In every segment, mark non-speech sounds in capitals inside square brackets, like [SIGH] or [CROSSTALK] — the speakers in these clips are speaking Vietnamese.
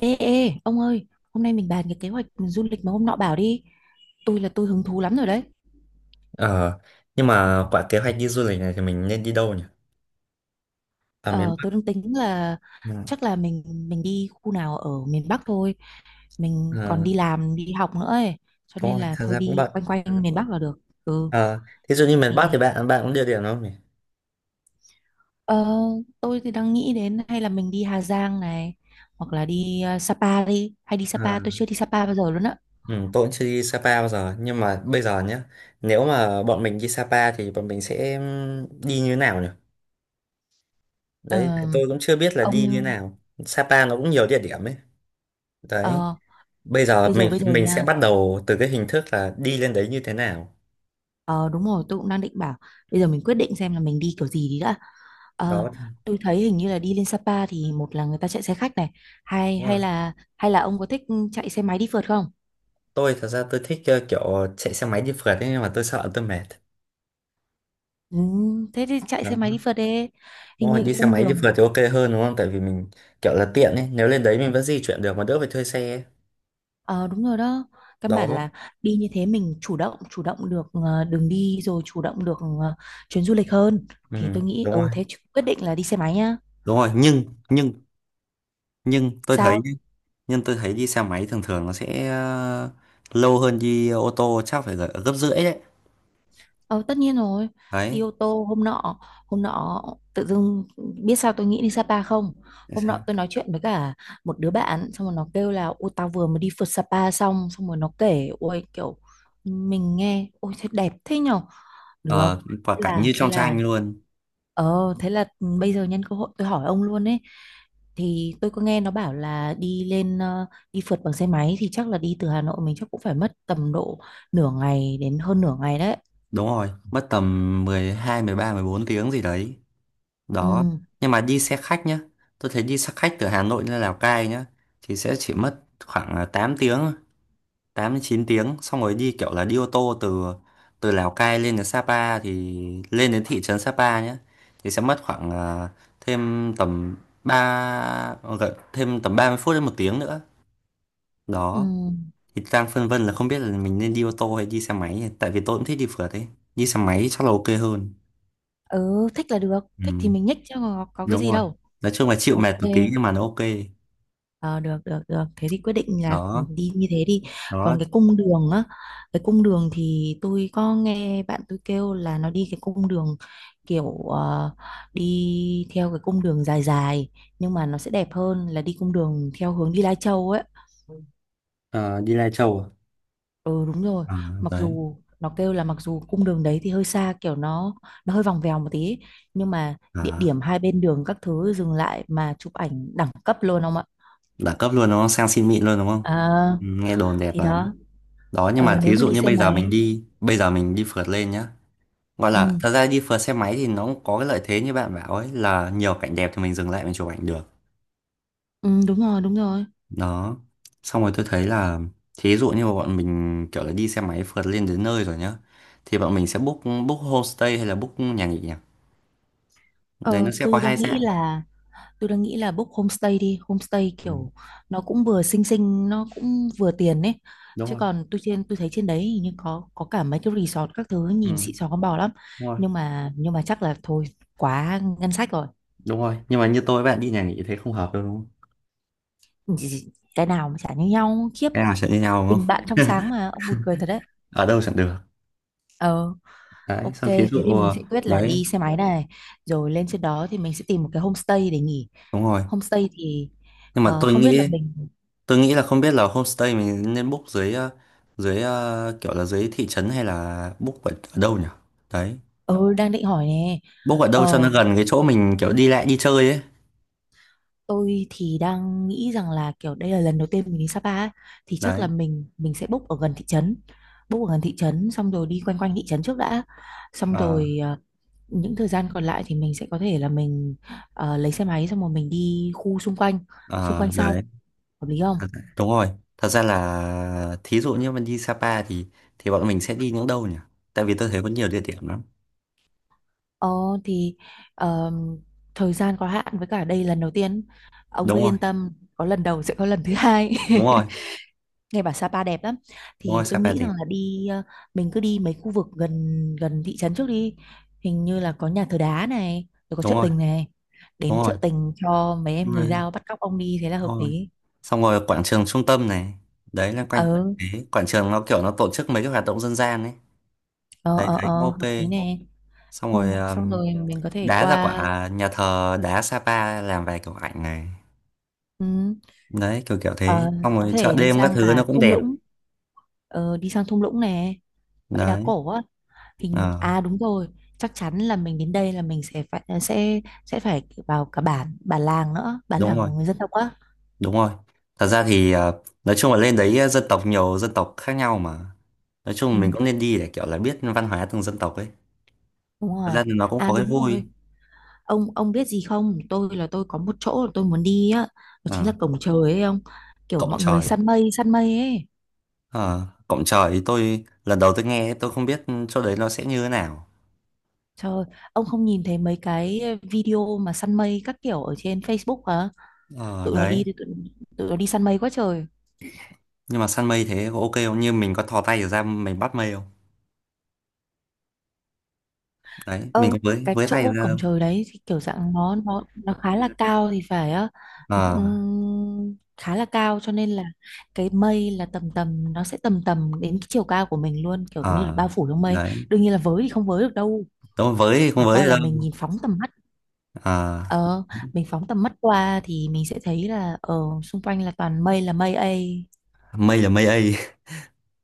Ê, ê, ông ơi, hôm nay mình bàn cái kế hoạch du lịch mà hôm nọ bảo đi. Tôi là tôi hứng thú lắm rồi đấy. Ờ, nhưng mà quả kế hoạch đi du lịch này thì mình nên đi đâu nhỉ? À miền Ờ, tôi Bắc. đang tính là Ừ. chắc là mình đi khu nào ở miền Bắc thôi. Mình còn Ờ, đi làm, đi học nữa ấy. Cho đúng nên rồi, là thật thôi ra cũng đi bận. quanh quanh miền Bắc là được. Ừ, Ờ, thí dụ như miền Bắc thì thì bạn bạn cũng địa điểm đúng không nhỉ? ờ, tôi thì đang nghĩ đến hay là mình đi Hà Giang này. Hoặc là đi Sapa đi. Hay đi Ờ, Sapa, tôi chưa đi Sapa bao giờ luôn á. ừ, tôi cũng chưa đi Sapa bao giờ, nhưng mà bây giờ nhé, nếu mà bọn mình đi Sapa thì bọn mình sẽ đi như thế nào nhỉ? Đấy, Ờ, tôi cũng chưa biết là đi như thế ông, nào. Sapa nó cũng nhiều địa điểm ấy. Đấy, ờ, bây giờ bây giờ mình bây giờ mình sẽ nha. bắt đầu từ cái hình thức là đi lên đấy như thế nào. Ờ đúng rồi, tôi cũng đang định bảo bây giờ mình quyết định xem là mình đi kiểu gì đi đã. Ờ, Đó. tôi thấy hình như là đi lên Sapa thì một là người ta chạy xe khách này, hay hay là ông có thích chạy xe máy đi phượt không? Tôi thật ra tôi thích kiểu chạy xe máy đi phượt ấy, nhưng mà tôi sợ tôi mệt. Ừ, thế thì chạy Đó, xe máy đi phượt đi. đúng Hình rồi như cái đi xe cung máy đi đường. phượt thì ok hơn đúng không, tại vì mình kiểu là tiện ấy, nếu lên đấy mình vẫn di chuyển được mà đỡ phải thuê xe ấy. Ờ đúng rồi đó. Căn bản Đó, là đi như thế mình chủ động được đường đi rồi chủ động được chuyến du lịch hơn, ừ, thì tôi nghĩ đúng rồi thế quyết định là đi xe máy nhá. đúng rồi. Nhưng nhưng nhưng tôi thấy Sao? nhá, nhưng tôi thấy đi xe máy thường thường nó sẽ lâu hơn đi ô tô, chắc phải gấp rưỡi đấy. Ờ, tất nhiên rồi. Đi Đấy. ô tô hôm nọ, hôm nọ tự dưng biết sao tôi nghĩ đi Sapa không. Tại Hôm sao? nọ tôi nói chuyện với cả một đứa bạn xong rồi nó kêu là ôi tao vừa mới đi phượt Sapa xong, xong rồi nó kể ôi kiểu mình nghe ôi thế đẹp thế nhở được. Ờ thế quả cảnh là như thế trong tranh là luôn. ờ thế là bây giờ nhân cơ hội tôi hỏi ông luôn ấy. Thì tôi có nghe nó bảo là đi lên đi phượt bằng xe máy thì chắc là đi từ Hà Nội mình chắc cũng phải mất tầm độ nửa ngày đến hơn nửa ngày đấy. Đúng rồi, mất tầm 10, 12, 13, 14 tiếng gì đấy. Ừ, Đó, nhưng mà đi xe khách nhá, tôi thấy đi xe khách từ Hà Nội lên Lào Cai nhá, thì sẽ chỉ mất khoảng là 8 tiếng, 8 đến 9 tiếng, xong rồi đi kiểu là đi ô tô từ từ Lào Cai lên đến Sapa thì lên đến thị trấn Sapa nhá thì sẽ mất khoảng thêm tầm 3 gần thêm tầm 30 phút đến 1 tiếng nữa. ừ. Đó, thì đang phân vân là không biết là mình nên đi ô tô hay đi xe máy, tại vì tôi cũng thích đi phượt ấy, đi xe máy chắc là ok hơn. Ừ, thích là được, Ừ, thích thì mình nhích chứ có cái đúng gì rồi, đâu. nói chung là chịu Ok, mệt một tí nhưng mà nó ok. ờ, được, được, được. Thế thì quyết định là Đó. đi như thế đi. Còn Đó. cái cung đường á, cái cung đường thì tôi có nghe bạn tôi kêu là nó đi cái cung đường kiểu đi theo cái cung đường dài dài, nhưng mà nó sẽ đẹp hơn là đi cung đường theo hướng đi Lai Châu ấy. Ờ, đi Lai Châu à? Ừ đúng rồi. À, Mặc đấy, dù nó kêu là mặc dù cung đường đấy thì hơi xa, kiểu nó hơi vòng vèo một tí ấy. Nhưng mà địa à, điểm hai bên đường các thứ dừng lại mà chụp ảnh đẳng cấp luôn ông ạ. đẳng cấp luôn đúng không, sang xin mịn luôn đúng không. à, Ừ, nghe đồn đẹp thì lắm. đó. Đó, nhưng mà Nếu thí mà dụ đi như xe bây giờ mình máy. đi, bây giờ mình đi phượt lên nhá, gọi là Ừ, thật ra đi phượt xe máy thì nó cũng có cái lợi thế như bạn bảo ấy là nhiều cảnh đẹp thì mình dừng lại mình chụp ảnh được. ừ đúng rồi đúng rồi. Đó, xong rồi tôi thấy là thí dụ như bọn mình kiểu là đi xe máy phượt lên đến nơi rồi nhá, thì bọn mình sẽ book, book homestay hay là book nhà nghỉ nhỉ? Đấy nó ờ, sẽ có tôi hai đang nghĩ dạng. là Tôi đang nghĩ là book homestay đi, homestay Ừ, kiểu nó cũng vừa xinh xinh, nó cũng vừa tiền ấy. đúng Chứ rồi. còn tôi trên tôi thấy trên đấy hình như có cả mấy cái resort các thứ Ừ. nhìn xịn sò con bò lắm. Đúng rồi. Nhưng mà chắc là thôi, quá ngân sách rồi. Đúng rồi, nhưng mà như tôi với bạn đi nhà nghỉ thế không hợp đâu đúng không. Cái nào mà chả như nhau khiếp. Cái nào sẽ như nhau đúng Tình không. bạn trong sáng mà ông buồn cười thật đấy. Ở đâu chẳng được. Ờ Đấy, ok xong thí thế dụ thì mình sẽ quyết là đấy. đi xe máy này, rồi lên trên đó thì mình sẽ tìm một cái homestay để nghỉ. Đúng rồi, Homestay thì nhưng mà tôi không biết là nghĩ mình tôi nghĩ là không biết là homestay mình nên book dưới dưới kiểu là dưới thị trấn hay là book ở, ở đâu nhỉ. Đấy, ừ, đang định hỏi nè. book ở đâu cho nó Ờ, gần cái chỗ mình kiểu đi lại đi chơi ấy. Tôi thì đang nghĩ rằng là kiểu đây là lần đầu tiên mình đi Sapa ấy, thì chắc là Đấy. mình sẽ book ở gần thị trấn. Book ở gần thị trấn xong rồi đi quanh quanh thị trấn trước đã. Xong Ờ. rồi những thời gian còn lại thì mình sẽ có thể là mình lấy xe máy xong rồi mình đi khu xung Ờ, quanh sau. đấy. Hợp lý Thật- không? đúng rồi, thật ra là thí dụ như mình đi Sapa thì bọn mình sẽ đi những đâu nhỉ, tại vì tôi thấy có nhiều địa điểm lắm. Ờ thì ờm, thời gian có hạn với cả đây lần đầu tiên. Ông Đúng cứ rồi. yên tâm, có lần đầu sẽ có lần thứ hai. Đúng [LAUGHS] rồi. Nghe bảo Sapa đẹp lắm, Đúng rồi, thì tôi Sapa nghĩ thì rằng là đi mình cứ đi mấy khu vực gần gần thị trấn trước đi, hình như là có nhà thờ đá này rồi có đúng chợ rồi tình này, đúng đến rồi chợ tình cho mấy em nhưng mà người Dao bắt cóc ông đi thế là hợp đúng rồi, lý. xong rồi quảng trường trung tâm này, đấy là ờ quanh cái quảng trường nó kiểu nó tổ chức mấy cái hoạt động dân gian ấy. Đấy thấy ờ, cũng ok. Hợp lý nè. Xong ừ, rồi Xong rồi mình có thể đá ra qua. quả nhà thờ đá Sapa làm vài kiểu ảnh này. ừ, Đấy kiểu kiểu thế, ờ, xong có rồi chợ thể đi đêm các sang thứ cả nó cũng thung đẹp. lũng, đi sang thung lũng nè, bãi đá Đấy. cổ á. Hình Ờ, à Đúng rồi, chắc chắn là mình đến đây là mình sẽ phải vào cả bản, bản làng nữa, bản đúng làng rồi của người dân tộc á. đúng rồi. Thật ra thì nói chung là lên đấy dân tộc nhiều dân tộc khác nhau mà, nói Ừ, chung mình cũng nên đi để kiểu là biết văn hóa từng dân tộc ấy. đúng Thật rồi. ra thì nó cũng có cái Đúng vui. rồi, ông biết gì không, tôi là tôi có một chỗ là tôi muốn đi á, đó chính Ờ, là cổng trời ấy ông, kiểu cộng mọi người trời à. Săn mây ấy. Ờ, cổng trời thì tôi lần đầu tôi nghe tôi không biết chỗ đấy nó sẽ như thế nào. Trời ơi, ông không nhìn thấy mấy cái video mà săn mây các kiểu ở trên Facebook hả? Ờ, Tụi nó đi đấy. Tụi nó đi săn mây quá trời. Nhưng mà săn mây thế có ok không? Như mình có thò tay ra mình bắt mây không? Đấy, mình Ờ, có với cái với tay chỗ ra cổng đâu. trời đấy thì kiểu dạng nó khá là cao thì phải á, nó Ờ, cũng khá là cao cho nên là cái mây là tầm tầm, nó sẽ tầm tầm đến cái chiều cao của mình luôn, kiểu như là ờ, bao phủ trong mây. đấy. Đương nhiên là với thì không với được đâu, Tôi với thì không chẳng với qua được là mình đâu. nhìn phóng tầm mắt. Ờ, ờ mình phóng tầm mắt qua thì mình sẽ thấy là xung quanh là toàn mây là mây ấy. mây là mây ấy. [LAUGHS]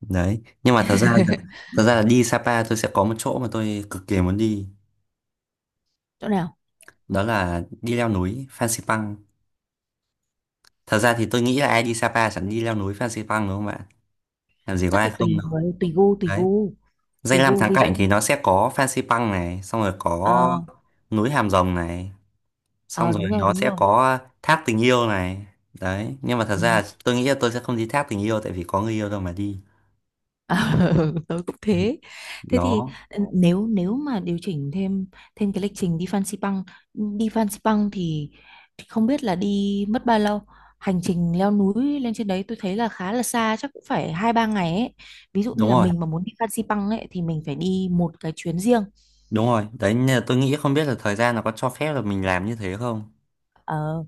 Đấy. Nhưng mà [LAUGHS] thật ra là đi Sapa tôi sẽ có một chỗ mà tôi cực kỳ muốn đi. Chỗ nào? Đó là đi leo núi Phan Xipang. Thật ra thì tôi nghĩ là ai đi Sapa chẳng đi leo núi Phan Xipang đúng không bạn? Làm gì có Chắc ai là không tùy đâu. người, tùy gu, tùy Đấy. gu Danh tùy lam gu thắng ví cảnh dụ. thì nó sẽ có Fansipan Pang này, xong rồi có ờ núi Hàm Rồng này, xong ờ rồi Đúng rồi nó đúng sẽ rồi. có thác tình yêu này. Đấy, nhưng mà thật Ừ. ra tôi nghĩ là tôi sẽ không đi thác tình yêu tại vì có người yêu đâu mà đi. Ờ, [LAUGHS] tôi cũng thế. Thế thì Đó, nếu nếu mà điều chỉnh thêm thêm cái lịch trình đi Fansipan thì không biết là đi mất bao lâu. Hành trình leo núi lên trên đấy tôi thấy là khá là xa, chắc cũng phải hai ba ngày ấy. Ví dụ như đúng là rồi, mình mà muốn đi Fansipan ấy thì mình phải đi một cái chuyến riêng. đúng rồi. Đấy, nên là tôi nghĩ không biết là thời gian nó có cho phép là mình làm như thế không. Ờ,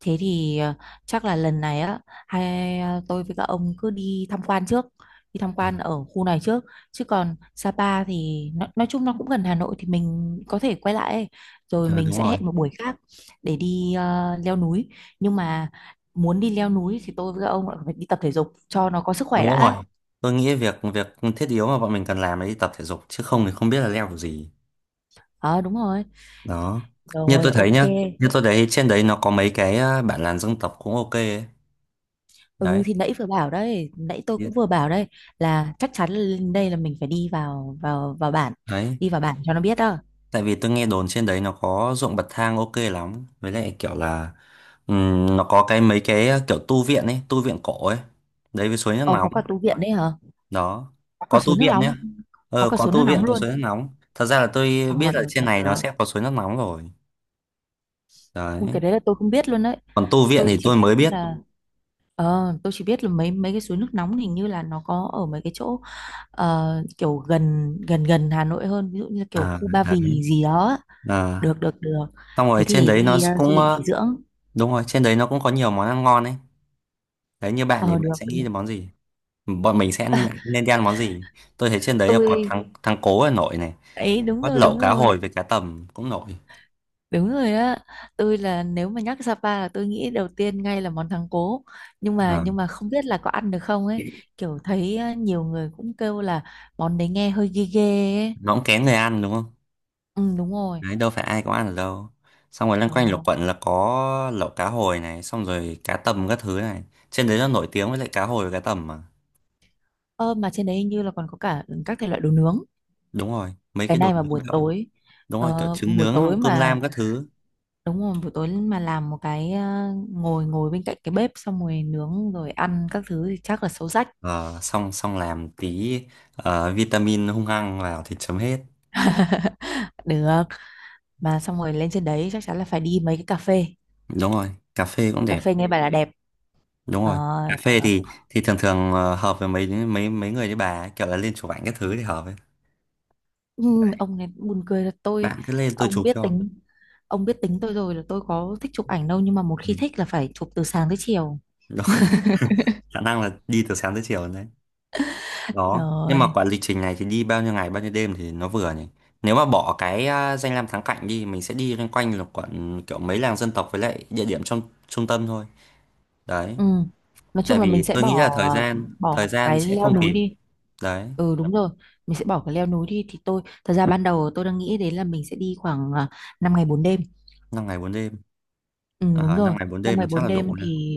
Thế thì chắc là lần này á, tôi với các ông cứ đi tham quan trước, đi tham quan ở khu này trước, chứ còn Sapa thì nó, nói chung nó cũng gần Hà Nội thì mình có thể quay lại ấy. Rồi Ờ, mình đúng sẽ rồi, hẹn một buổi khác để đi leo núi. Nhưng mà muốn đi leo núi thì tôi với các ông lại phải đi tập thể dục cho nó có sức khỏe đúng rồi. đã. Tôi nghĩ việc việc thiết yếu mà bọn mình cần làm là đi tập thể dục chứ không thì không biết là leo kiểu gì. Ờ đúng rồi. Đó. Như Rồi tôi thấy ok. nhá, như tôi thấy trên đấy nó có mấy cái bản làn dân tộc cũng ok ấy. Ừ Đấy. thì nãy vừa bảo đấy, nãy tôi Biết. cũng vừa bảo đây là chắc chắn là lên đây là mình phải đi vào vào vào bản, Đấy, đi vào bản cho nó biết đó. tại vì tôi nghe đồn trên đấy nó có ruộng bậc thang ok lắm, với lại kiểu là nó có cái mấy cái kiểu tu viện ấy, tu viện cổ ấy, đấy với suối nước Ồ có nóng. cả tủ viện đấy hả? Đó, Có cả có tu suối nước viện nhé, nóng. Có ờ cả có suối nước tu viện, nóng có suối nước luôn. nóng. Thật ra là tôi Ồ biết là được trên được này nó được. sẽ có suối nước nóng rồi, Ui, đấy, cái đấy là tôi không biết luôn đấy. còn tu viện Tôi thì chỉ tôi mới biết biết. là mấy mấy cái suối nước nóng hình như là nó có ở mấy cái chỗ ờ, kiểu gần gần gần Hà Nội hơn, ví dụ như kiểu À khu Ba Vì đấy, gì đó á. à, Được được được. xong Thế rồi trên thì đấy nó đi du cũng lịch nghỉ ờ, dưỡng. đúng rồi, trên đấy nó cũng có nhiều món ăn ngon ấy. Đấy, như bạn thì Ờ bạn được, sẽ nghĩ được. đến món gì? Bọn mình sẽ nên nên đi ăn món gì? Tôi thấy trên đấy là có Tôi thắng thắng cố ở nổi này, ấy đúng có rồi lẩu đúng cá rồi. hồi với cá tầm cũng nổi. Đúng rồi á, tôi là nếu mà nhắc Sapa là tôi nghĩ đầu tiên ngay là món thắng cố. Ờ, Nhưng mà không biết là có ăn được không ấy, kiểu thấy á, nhiều người cũng kêu là món đấy nghe hơi ghê ghê ấy. nó cũng kén người ăn đúng không. Ừ đúng rồi. Đấy, đâu phải ai cũng ăn được đâu. Xong rồi loanh quanh lục Ờ, quận là có lẩu cá hồi này, xong rồi cá tầm các thứ này, trên đấy nó nổi tiếng với lại cá hồi và cá tầm mà. Ơ, mà trên đấy hình như là còn có cả các thể loại đồ nướng. Đúng rồi, mấy Cái cái đồ này mà nướng buổi kiểu tối đúng rồi kiểu ờ, trứng buổi tối nướng cơm mà lam các thứ. đúng rồi, buổi tối mà làm một cái ngồi ngồi bên cạnh cái bếp xong rồi nướng rồi ăn các thứ thì chắc là xấu rách. Ờ, xong xong làm tí vitamin hung hăng vào thì chấm hết. Được, mà xong rồi lên trên đấy chắc chắn là phải đi mấy cái cà phê. Đúng rồi cà phê cũng Cà đẹp. phê nghe bảo là đẹp. Đúng rồi, cà Ờ, phê được. Thì thường thường hợp với mấy mấy mấy người như bà ấy, kiểu là lên chụp ảnh các thứ thì hợp ấy. Ừ, ông này buồn cười là tôi Bạn cứ lên tôi ông chụp biết cho. tính ông biết tính tôi rồi là tôi có thích chụp ảnh đâu, nhưng mà một Ừ. khi thích là phải chụp từ sáng tới chiều Đó. [LAUGHS] Khả năng là đi từ sáng tới chiều đấy. Đó, nhưng mà rồi. quả lịch trình này thì đi bao nhiêu ngày bao nhiêu đêm thì nó vừa nhỉ? Nếu mà bỏ cái danh lam thắng cảnh đi, mình sẽ đi loanh quanh là quận kiểu mấy làng dân tộc với lại địa điểm trong trung tâm thôi. Đấy, Ừ. Nói tại chung là mình vì sẽ tôi bỏ nghĩ là thời gian bỏ thời gian cái sẽ leo không núi kịp. đi. Đấy. Ừ đúng rồi, mình sẽ bỏ cái leo núi đi, thì tôi thật ra ban đầu tôi đang nghĩ đến là mình sẽ đi khoảng 5 ngày 4 đêm. 5 ngày 4 đêm. Ừ, đúng À, rồi, năm ngày bốn năm đêm ngày mình chắc 4 là đủ đêm nhỉ.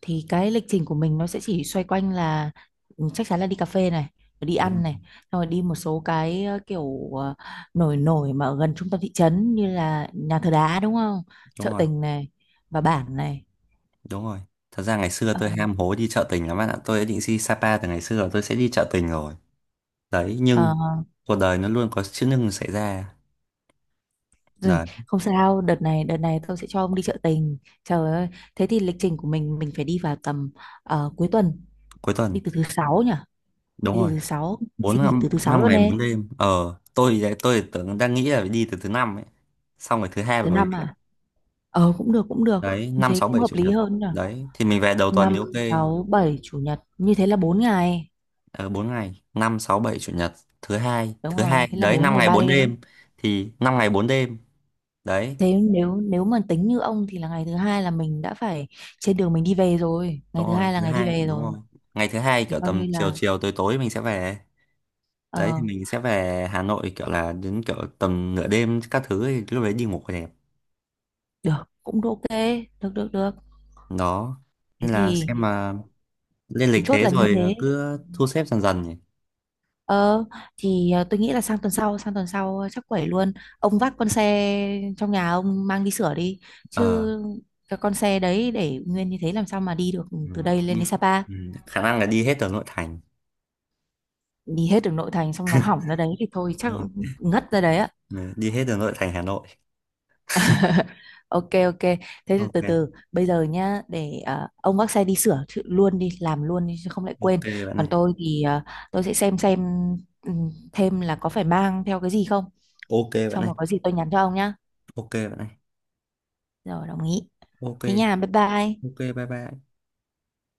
thì cái lịch trình của mình nó sẽ chỉ xoay quanh là chắc chắn là đi cà phê này, rồi đi Đúng rồi, ăn này, xong rồi đi một số cái kiểu nổi nổi mà ở gần trung tâm thị trấn như là nhà thờ đá đúng không? đúng Chợ rồi. tình này và bản này. Đúng rồi. Thật ra ngày xưa Ờ, tôi ham hố đi chợ tình lắm bạn ạ. Tôi đã định đi Sapa từ ngày xưa rồi tôi sẽ đi chợ tình rồi. Đấy, nhưng ờ, cuộc đời nó luôn có chữ nhưng xảy ra. Rồi, Đấy, không sao, đợt này tôi sẽ cho ông đi chợ tình. Trời ơi, thế thì lịch trình của mình phải đi vào tầm cuối tuần, cuối đi tuần. từ thứ sáu nhỉ? Đúng Đi từ rồi. thứ sáu, Bốn xin nghỉ năm, từ thứ sáu năm luôn ngày 4 nè. đêm. Ờ, tôi đấy, tôi tưởng đang nghĩ là phải đi từ thứ năm ấy. Xong rồi thứ hai của Thứ mình năm về. à? Ờ cũng được cũng được. Đấy, Như 5 thế 6 cũng 7 hợp chủ lý nhật. hơn nhỉ? Đấy, thì mình về đầu tuần Năm thì ok. 6 7 chủ nhật, như thế là 4 ngày. Ờ, 4 ngày. Năm 6 7 chủ nhật. Thứ hai. Đúng Thứ rồi, hai. thế là Đấy, 4 5 ngày ngày 3 4 đêm á. đêm. Thì 5 ngày 4 đêm. Đấy, Thế nếu nếu mà tính như ông thì là ngày thứ hai là mình đã phải trên đường mình đi về rồi, ngày đúng thứ rồi hai là thứ ngày đi hai về đúng rồi, rồi. ngày thứ hai Thì kiểu coi tầm như chiều là chiều tối tối mình sẽ về. Đấy, thì ờ, mình sẽ về Hà Nội kiểu là đến kiểu tầm nửa đêm các thứ thì lúc đấy đi ngủ còn đẹp. được cũng được ok. Được được được. Đó, Thế nên là thì xem mà lên lịch chốt thế là như rồi thế. cứ thu xếp dần dần nhỉ. Ờ thì tôi nghĩ là sang tuần sau chắc quẩy luôn. Ông vác con xe trong nhà ông mang đi sửa đi, chứ Ờ. cái con xe đấy để nguyên như thế làm sao mà đi được Ừ, từ đây lên đi đến Sapa. ừ, khả năng là đi hết ở nội thành. Đi hết đường nội thành xong nó hỏng ra đấy thì thôi chắc Đúng rồi. cũng ngất ra đấy ạ. Ừ, đi hết ở nội thành Hà Nội. Ok ok. Thế thì từ Ok, từ bây giờ nhá, để ông vác xe đi sửa luôn đi, làm luôn đi chứ không lại ok quên. bạn này. Còn tôi thì tôi sẽ xem ừ, thêm là có phải mang theo cái gì không. Ok bạn Xong này. rồi có gì tôi nhắn cho ông nhá. Ok bạn này. Rồi, đồng ý. Ok. Thế nha, bye bye. Ok, bye bye.